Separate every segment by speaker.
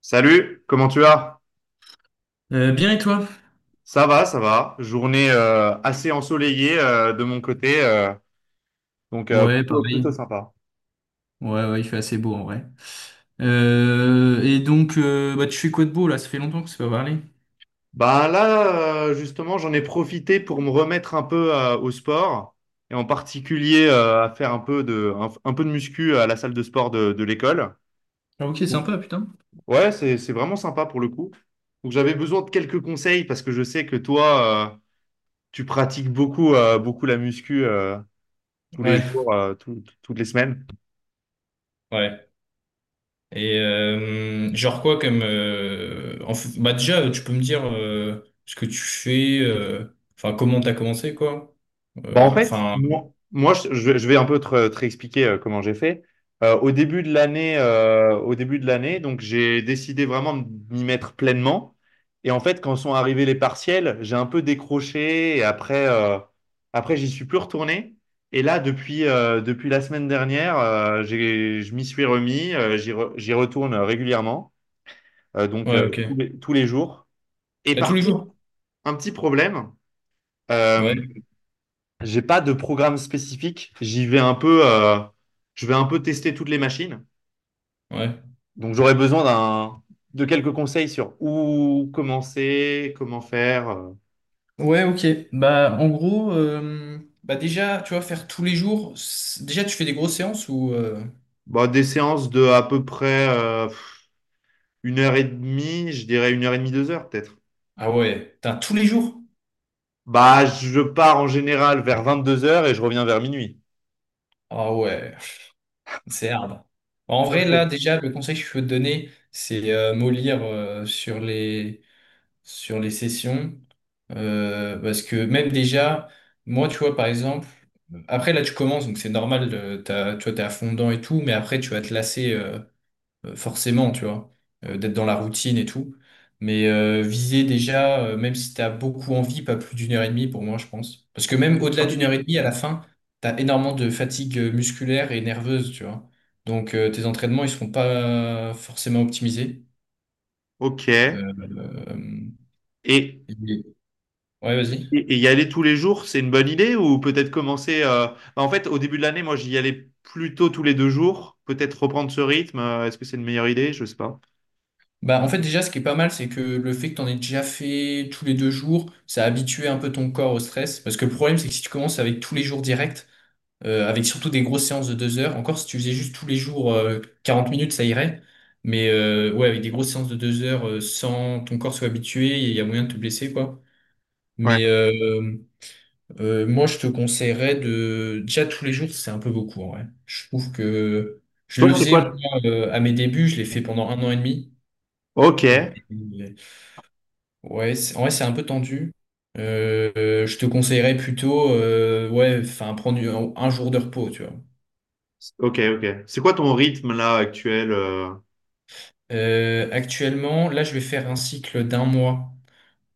Speaker 1: Salut, comment tu vas?
Speaker 2: Bien et toi?
Speaker 1: Ça va, ça va. Journée assez ensoleillée de mon côté, donc
Speaker 2: Ouais,
Speaker 1: plutôt, plutôt
Speaker 2: pareil.
Speaker 1: sympa.
Speaker 2: Ouais, ouais, il fait assez beau en vrai. Et donc, tu fais quoi de beau là? Ça fait longtemps qu'on s'est pas parlé.
Speaker 1: Justement, j'en ai profité pour me remettre un peu au sport et en particulier à faire un peu de muscu à la salle de sport de l'école.
Speaker 2: Ah, ok,
Speaker 1: Donc,
Speaker 2: sympa, putain.
Speaker 1: ouais, c'est vraiment sympa pour le coup. Donc j'avais besoin de quelques conseils parce que je sais que toi, tu pratiques beaucoup la muscu tous les
Speaker 2: Ouais,
Speaker 1: jours, toutes les semaines.
Speaker 2: ouais. Et genre quoi comme en f- bah déjà tu peux me dire ce que tu fais, enfin comment t'as commencé quoi.
Speaker 1: Bah, en
Speaker 2: Euh,
Speaker 1: fait,
Speaker 2: Enfin
Speaker 1: moi, moi, Je vais un peu te réexpliquer comment j'ai fait. Au début de l'année, donc j'ai décidé vraiment de m'y mettre pleinement. Et en fait, quand sont arrivés les partiels, j'ai un peu décroché et après, j'y suis plus retourné. Et là, depuis la semaine dernière, je m'y suis remis. J'y retourne régulièrement, euh, donc euh,
Speaker 2: ouais,
Speaker 1: tous
Speaker 2: ok.
Speaker 1: tous les jours. Et
Speaker 2: Et tous
Speaker 1: par
Speaker 2: les
Speaker 1: contre,
Speaker 2: jours.
Speaker 1: un petit problème. euh,
Speaker 2: Ouais,
Speaker 1: j'ai pas de programme spécifique. J'y vais un peu, Je vais un peu tester toutes les machines.
Speaker 2: ouais.
Speaker 1: Donc j'aurais besoin de quelques conseils sur où commencer, comment faire.
Speaker 2: Ouais, ok. Bah en gros, déjà tu vois, faire tous les jours, déjà tu fais des grosses séances ou
Speaker 1: Bah, des séances de à peu près une heure et demie, je dirais une heure et demie, deux heures peut-être.
Speaker 2: ah ouais, t'as tous les jours?
Speaker 1: Bah, je pars en général vers 22 heures et je reviens vers minuit.
Speaker 2: Ah ouais, c'est hard. En
Speaker 1: Ça,
Speaker 2: vrai, là,
Speaker 1: c'est
Speaker 2: déjà, le conseil que je peux te donner, c'est mollir sur les sessions. Parce que même déjà, moi, tu vois, par exemple, après, là, tu commences, donc c'est normal, tu vois, t'es à fond dedans et tout, mais après, tu vas te lasser. Forcément, tu vois, d'être dans la routine et tout. Mais viser déjà, même si t'as beaucoup envie, pas plus d'1 h 30 pour moi, je pense. Parce que même au-delà d'1 h 30, à la
Speaker 1: un.
Speaker 2: fin, t'as énormément de fatigue musculaire et nerveuse, tu vois. Donc tes entraînements, ils seront pas forcément optimisés.
Speaker 1: Ok.
Speaker 2: Euh, euh,
Speaker 1: Et
Speaker 2: et- ouais, vas-y.
Speaker 1: et y aller tous les jours, c'est une bonne idée ou peut-être commencer. En fait, au début de l'année, moi, j'y allais plutôt tous les deux jours. Peut-être reprendre ce rythme. Est-ce que c'est une meilleure idée? Je sais pas.
Speaker 2: Bah, en fait, déjà, ce qui est pas mal, c'est que le fait que t'en aies déjà fait tous les deux jours, ça a habitué un peu ton corps au stress. Parce que le problème, c'est que si tu commences avec tous les jours directs, avec surtout des grosses séances de 2 heures. Encore, si tu faisais juste tous les jours 40 minutes, ça irait. Mais ouais, avec des grosses séances de deux heures, sans ton corps soit habitué, il y a moyen de te blesser, quoi.
Speaker 1: Ouais.
Speaker 2: Mais euh, Moi, je te conseillerais de... Déjà, tous les jours, c'est un peu beaucoup, en vrai. Je trouve que je
Speaker 1: Toi,
Speaker 2: le
Speaker 1: c'est
Speaker 2: faisais,
Speaker 1: quoi?
Speaker 2: moi, à mes débuts, je l'ai fait pendant 1 an et demi.
Speaker 1: Ok.
Speaker 2: En vrai, c'est un peu tendu. Je te conseillerais plutôt, ouais, enfin, prendre un jour de repos, tu vois.
Speaker 1: Ok, ok. C'est quoi ton rythme là actuel?
Speaker 2: Actuellement, là, je vais faire un cycle d'un mois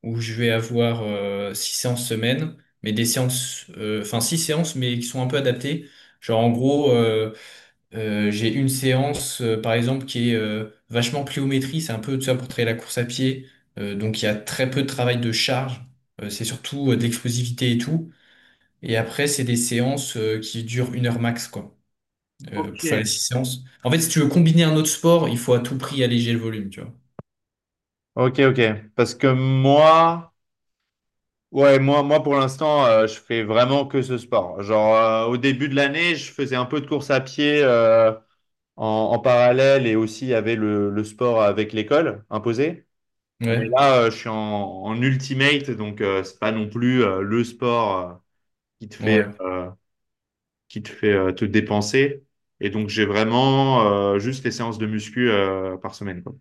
Speaker 2: où je vais avoir six séances semaine, mais des séances, enfin six séances, mais qui sont un peu adaptées. Genre, en gros, j'ai une séance, par exemple, qui est vachement pliométrie, c'est un peu tout ça pour travailler la course à pied. Donc, il y a très peu de travail de charge, c'est surtout de l'explosivité et tout. Et après, c'est des séances qui durent 1 heure max, quoi,
Speaker 1: Ok.
Speaker 2: pour faire les six séances. En fait, si tu veux combiner un autre sport, il faut à tout prix alléger le volume, tu vois.
Speaker 1: Ok, ok. Parce que moi, ouais, moi pour l'instant, je fais vraiment que ce sport. Genre, au début de l'année, je faisais un peu de course à pied en parallèle et aussi il y avait le sport avec l'école imposé. Mais
Speaker 2: Ouais.
Speaker 1: là, en ultimate, donc c'est pas non plus le sport qui te fait,
Speaker 2: Ouais,
Speaker 1: euh, qui te fait te dépenser. Et donc j'ai vraiment juste les séances de muscu par semaine, quoi.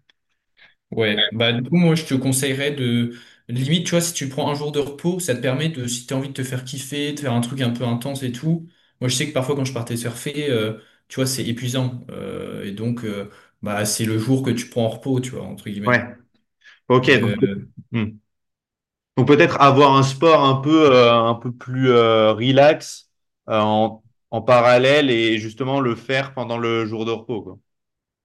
Speaker 2: ouais. Bah, du coup, moi, je te conseillerais de. Limite, tu vois, si tu prends un jour de repos, ça te permet de, si t'as envie de te faire kiffer, de faire un truc un peu intense et tout. Moi, je sais que parfois, quand je partais surfer, tu vois, c'est épuisant. Et donc, c'est le jour que tu prends en repos, tu vois, entre
Speaker 1: Ouais.
Speaker 2: guillemets.
Speaker 1: Ok. Donc,
Speaker 2: Euh,
Speaker 1: hmm. Donc peut-être avoir un sport un peu plus relax euh, en, en parallèle et justement le faire pendant le jour de repos, quoi.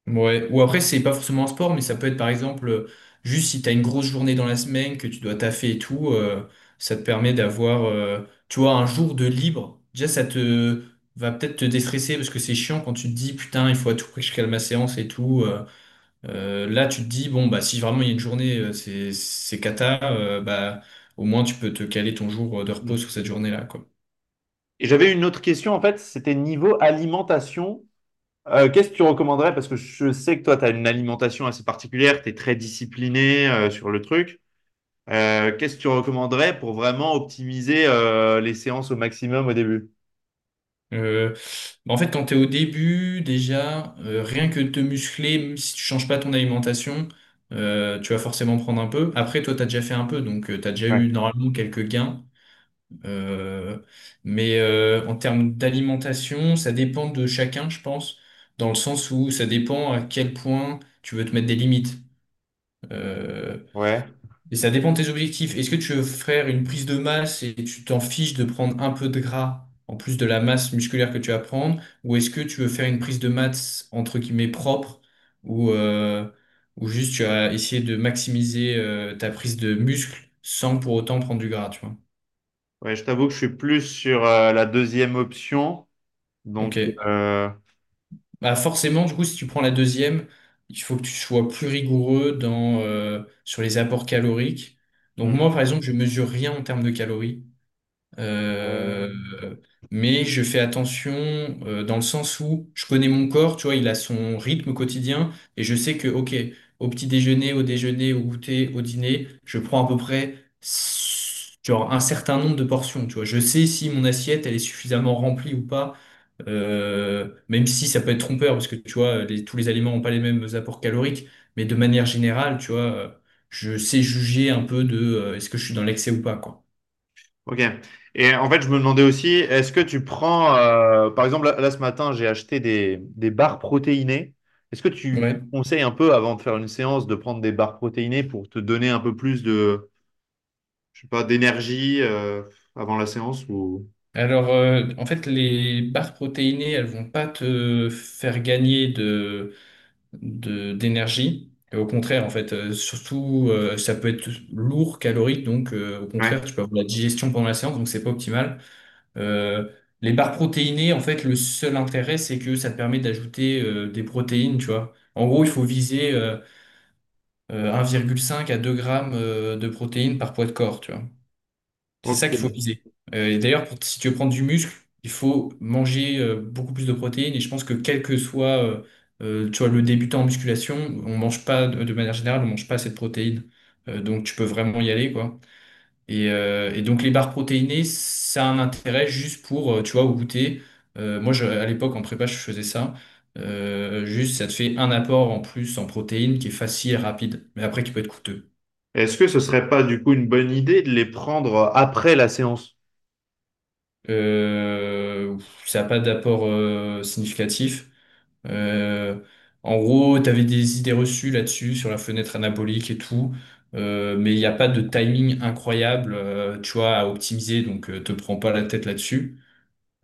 Speaker 2: Ouais, ou après, c'est pas forcément un sport, mais ça peut être par exemple, juste si t'as une grosse journée dans la semaine, que tu dois taffer et tout, ça te permet d'avoir, tu vois, un jour de libre. Déjà, ça te va peut-être te déstresser parce que c'est chiant quand tu te dis, putain, il faut à tout prix que je cale ma séance et tout. Là, tu te dis, bon, bah, si vraiment il y a une journée, c'est cata, bah, au moins tu peux te caler ton jour de repos
Speaker 1: Hmm.
Speaker 2: sur cette journée-là, quoi.
Speaker 1: Et j'avais une autre question, en fait, c'était niveau alimentation. Qu'est-ce que tu recommanderais? Parce que je sais que toi, tu as une alimentation assez particulière, tu es très discipliné sur le truc. Qu'est-ce que tu recommanderais pour vraiment optimiser les séances au maximum au début?
Speaker 2: Euh, En fait, quand tu es au début, déjà, rien que de te muscler, même si tu changes pas ton alimentation, tu vas forcément prendre un peu. Après, toi, tu as déjà fait un peu, donc tu as déjà
Speaker 1: Ouais.
Speaker 2: eu normalement quelques gains. Euh, En termes d'alimentation, ça dépend de chacun, je pense, dans le sens où ça dépend à quel point tu veux te mettre des limites. Euh,
Speaker 1: Ouais.
Speaker 2: et ça dépend de tes objectifs. Est-ce que tu veux faire une prise de masse et tu t'en fiches de prendre un peu de gras en plus de la masse musculaire que tu vas prendre? Ou est-ce que tu veux faire une prise de masse entre guillemets propre ou, euh, ou juste tu vas essayer de maximiser ta prise de muscle sans pour autant prendre du gras, tu vois?
Speaker 1: Ouais, je t'avoue que je suis plus sur la deuxième option.
Speaker 2: Ok.
Speaker 1: Donc, euh,
Speaker 2: Bah forcément, du coup, si tu prends la deuxième, il faut que tu sois plus rigoureux dans, sur les apports caloriques. Donc moi,
Speaker 1: mhm.
Speaker 2: par exemple, je mesure rien en termes de calories. Euh,
Speaker 1: Ouais.
Speaker 2: mais je fais attention dans le sens où je connais mon corps, tu vois, il a son rythme quotidien et je sais que, ok, au petit déjeuner, au goûter, au dîner, je prends à peu près genre un certain nombre de portions, tu vois. Je sais si mon assiette, elle est suffisamment remplie ou pas, même si ça peut être trompeur parce que, tu vois, tous les aliments n'ont pas les mêmes apports caloriques, mais de manière générale, tu vois, je sais juger un peu de est-ce que je suis dans l'excès ou pas, quoi.
Speaker 1: Ok. Et en fait, je me demandais aussi, est-ce que tu prends, par exemple, là, ce matin, j'ai acheté des barres protéinées. Est-ce que tu
Speaker 2: Ouais.
Speaker 1: conseilles un peu, avant de faire une séance, de prendre des barres protéinées pour te donner un peu plus de, je sais pas, d'énergie, avant la séance ou...
Speaker 2: Alors, en fait, les barres protéinées, elles vont pas te faire gagner de, d'énergie. Au contraire, en fait, surtout, ça peut être lourd, calorique, donc au
Speaker 1: Ouais.
Speaker 2: contraire, tu peux avoir la digestion pendant la séance, donc c'est pas optimal. Euh, les barres protéinées, en fait, le seul intérêt, c'est que ça te permet d'ajouter des protéines, tu vois. En gros, il faut viser 1,5 à 2 grammes de protéines par poids de corps, tu vois. C'est ça qu'il faut
Speaker 1: Ok.
Speaker 2: viser. Et d'ailleurs, si tu veux prendre du muscle, il faut manger beaucoup plus de protéines. Et je pense que quel que soit tu vois, le débutant en musculation, on mange pas, de manière générale, on mange pas assez de protéines. Donc tu peux vraiment y aller, quoi. Et donc les barres protéinées, ça a un intérêt juste pour, tu vois, au goûter. À l'époque, en prépa, je faisais ça. Juste, ça te fait un apport en plus en protéines qui est facile et rapide, mais après qui peut être coûteux.
Speaker 1: Est-ce que ce serait pas du coup une bonne idée de les prendre après la séance?
Speaker 2: Euh, Ça n'a pas d'apport significatif. Euh, En gros, tu avais des idées reçues là-dessus, sur la fenêtre anabolique et tout, mais il n'y a pas de timing incroyable, tu vois, à optimiser, donc te prends pas la tête là-dessus.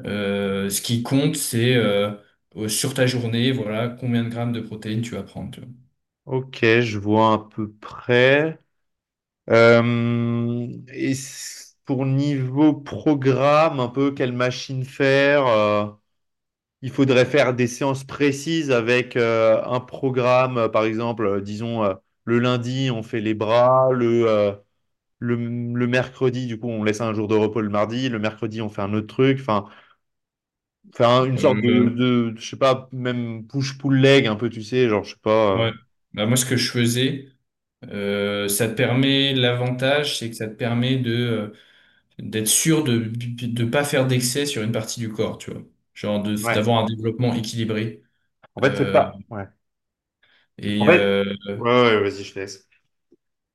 Speaker 2: Ce qui compte, c'est sur ta journée, voilà, combien de grammes de protéines tu vas prendre, tu vois.
Speaker 1: Ok, je vois à peu près. Pour niveau programme, un peu quelle machine faire, il faudrait faire des séances précises avec un programme, par exemple, disons le lundi on fait les bras, le mercredi du coup on laisse un jour de repos le mardi, le mercredi on fait un autre truc, enfin faire une sorte de,
Speaker 2: Euh,
Speaker 1: je sais pas, même push-pull leg un peu, tu sais, genre je sais pas.
Speaker 2: ouais. Bah, moi, ce que je faisais, ça te permet, l'avantage, c'est que ça te permet de... d'être sûr de pas faire d'excès sur une partie du corps, tu vois. Genre de
Speaker 1: Ouais.
Speaker 2: d'avoir un développement équilibré.
Speaker 1: En fait c'est
Speaker 2: Euh,
Speaker 1: pas. Ouais. En
Speaker 2: et
Speaker 1: fait.
Speaker 2: euh,
Speaker 1: Ouais, ouais, vas-y, je te laisse.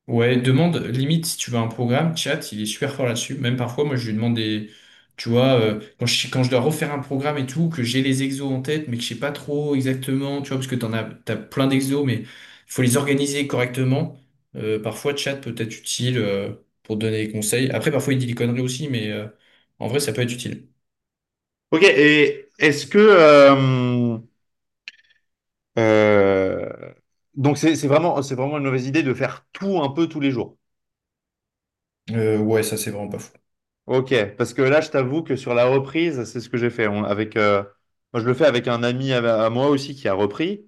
Speaker 2: ouais, demande limite si tu veux un programme, chat, il est super fort là-dessus. Même parfois, moi, je lui demande des, tu vois, quand je dois refaire un programme et tout, que j'ai les exos en tête, mais que je sais pas trop exactement, tu vois, parce que t'en as, t'as plein d'exos, mais il faut les organiser correctement. Parfois, chat peut être utile pour donner des conseils. Après, parfois, il dit des conneries aussi, mais en vrai, ça peut être utile.
Speaker 1: Ok, et est-ce que euh, donc c'est vraiment c'est vraiment une mauvaise idée de faire tout un peu tous les jours.
Speaker 2: Ouais, ça, c'est vraiment pas fou.
Speaker 1: Ok, parce que là je t'avoue que sur la reprise c'est ce que j'ai fait. Avec moi je le fais avec un ami à moi aussi qui a repris.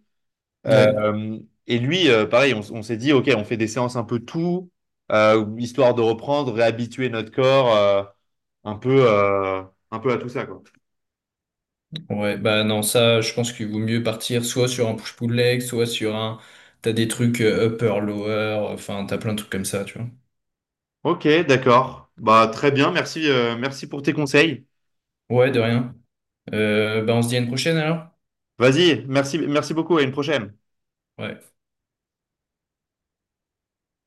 Speaker 2: Ouais,
Speaker 1: Euh, et lui pareil on s'est dit ok on fait des séances un peu tout, histoire de reprendre réhabituer notre corps un peu euh, un peu à tout ça quoi.
Speaker 2: ouais, bah non, ça, je pense qu'il vaut mieux partir soit sur un push-pull leg, soit sur un. T'as des trucs upper, lower, enfin, t'as plein de trucs comme ça, tu vois.
Speaker 1: Ok, d'accord. Bah très bien, merci merci pour tes conseils.
Speaker 2: Ouais, de rien. Bah, on se dit à une prochaine alors?
Speaker 1: Vas-y, merci, merci beaucoup, à une prochaine.
Speaker 2: Ouais.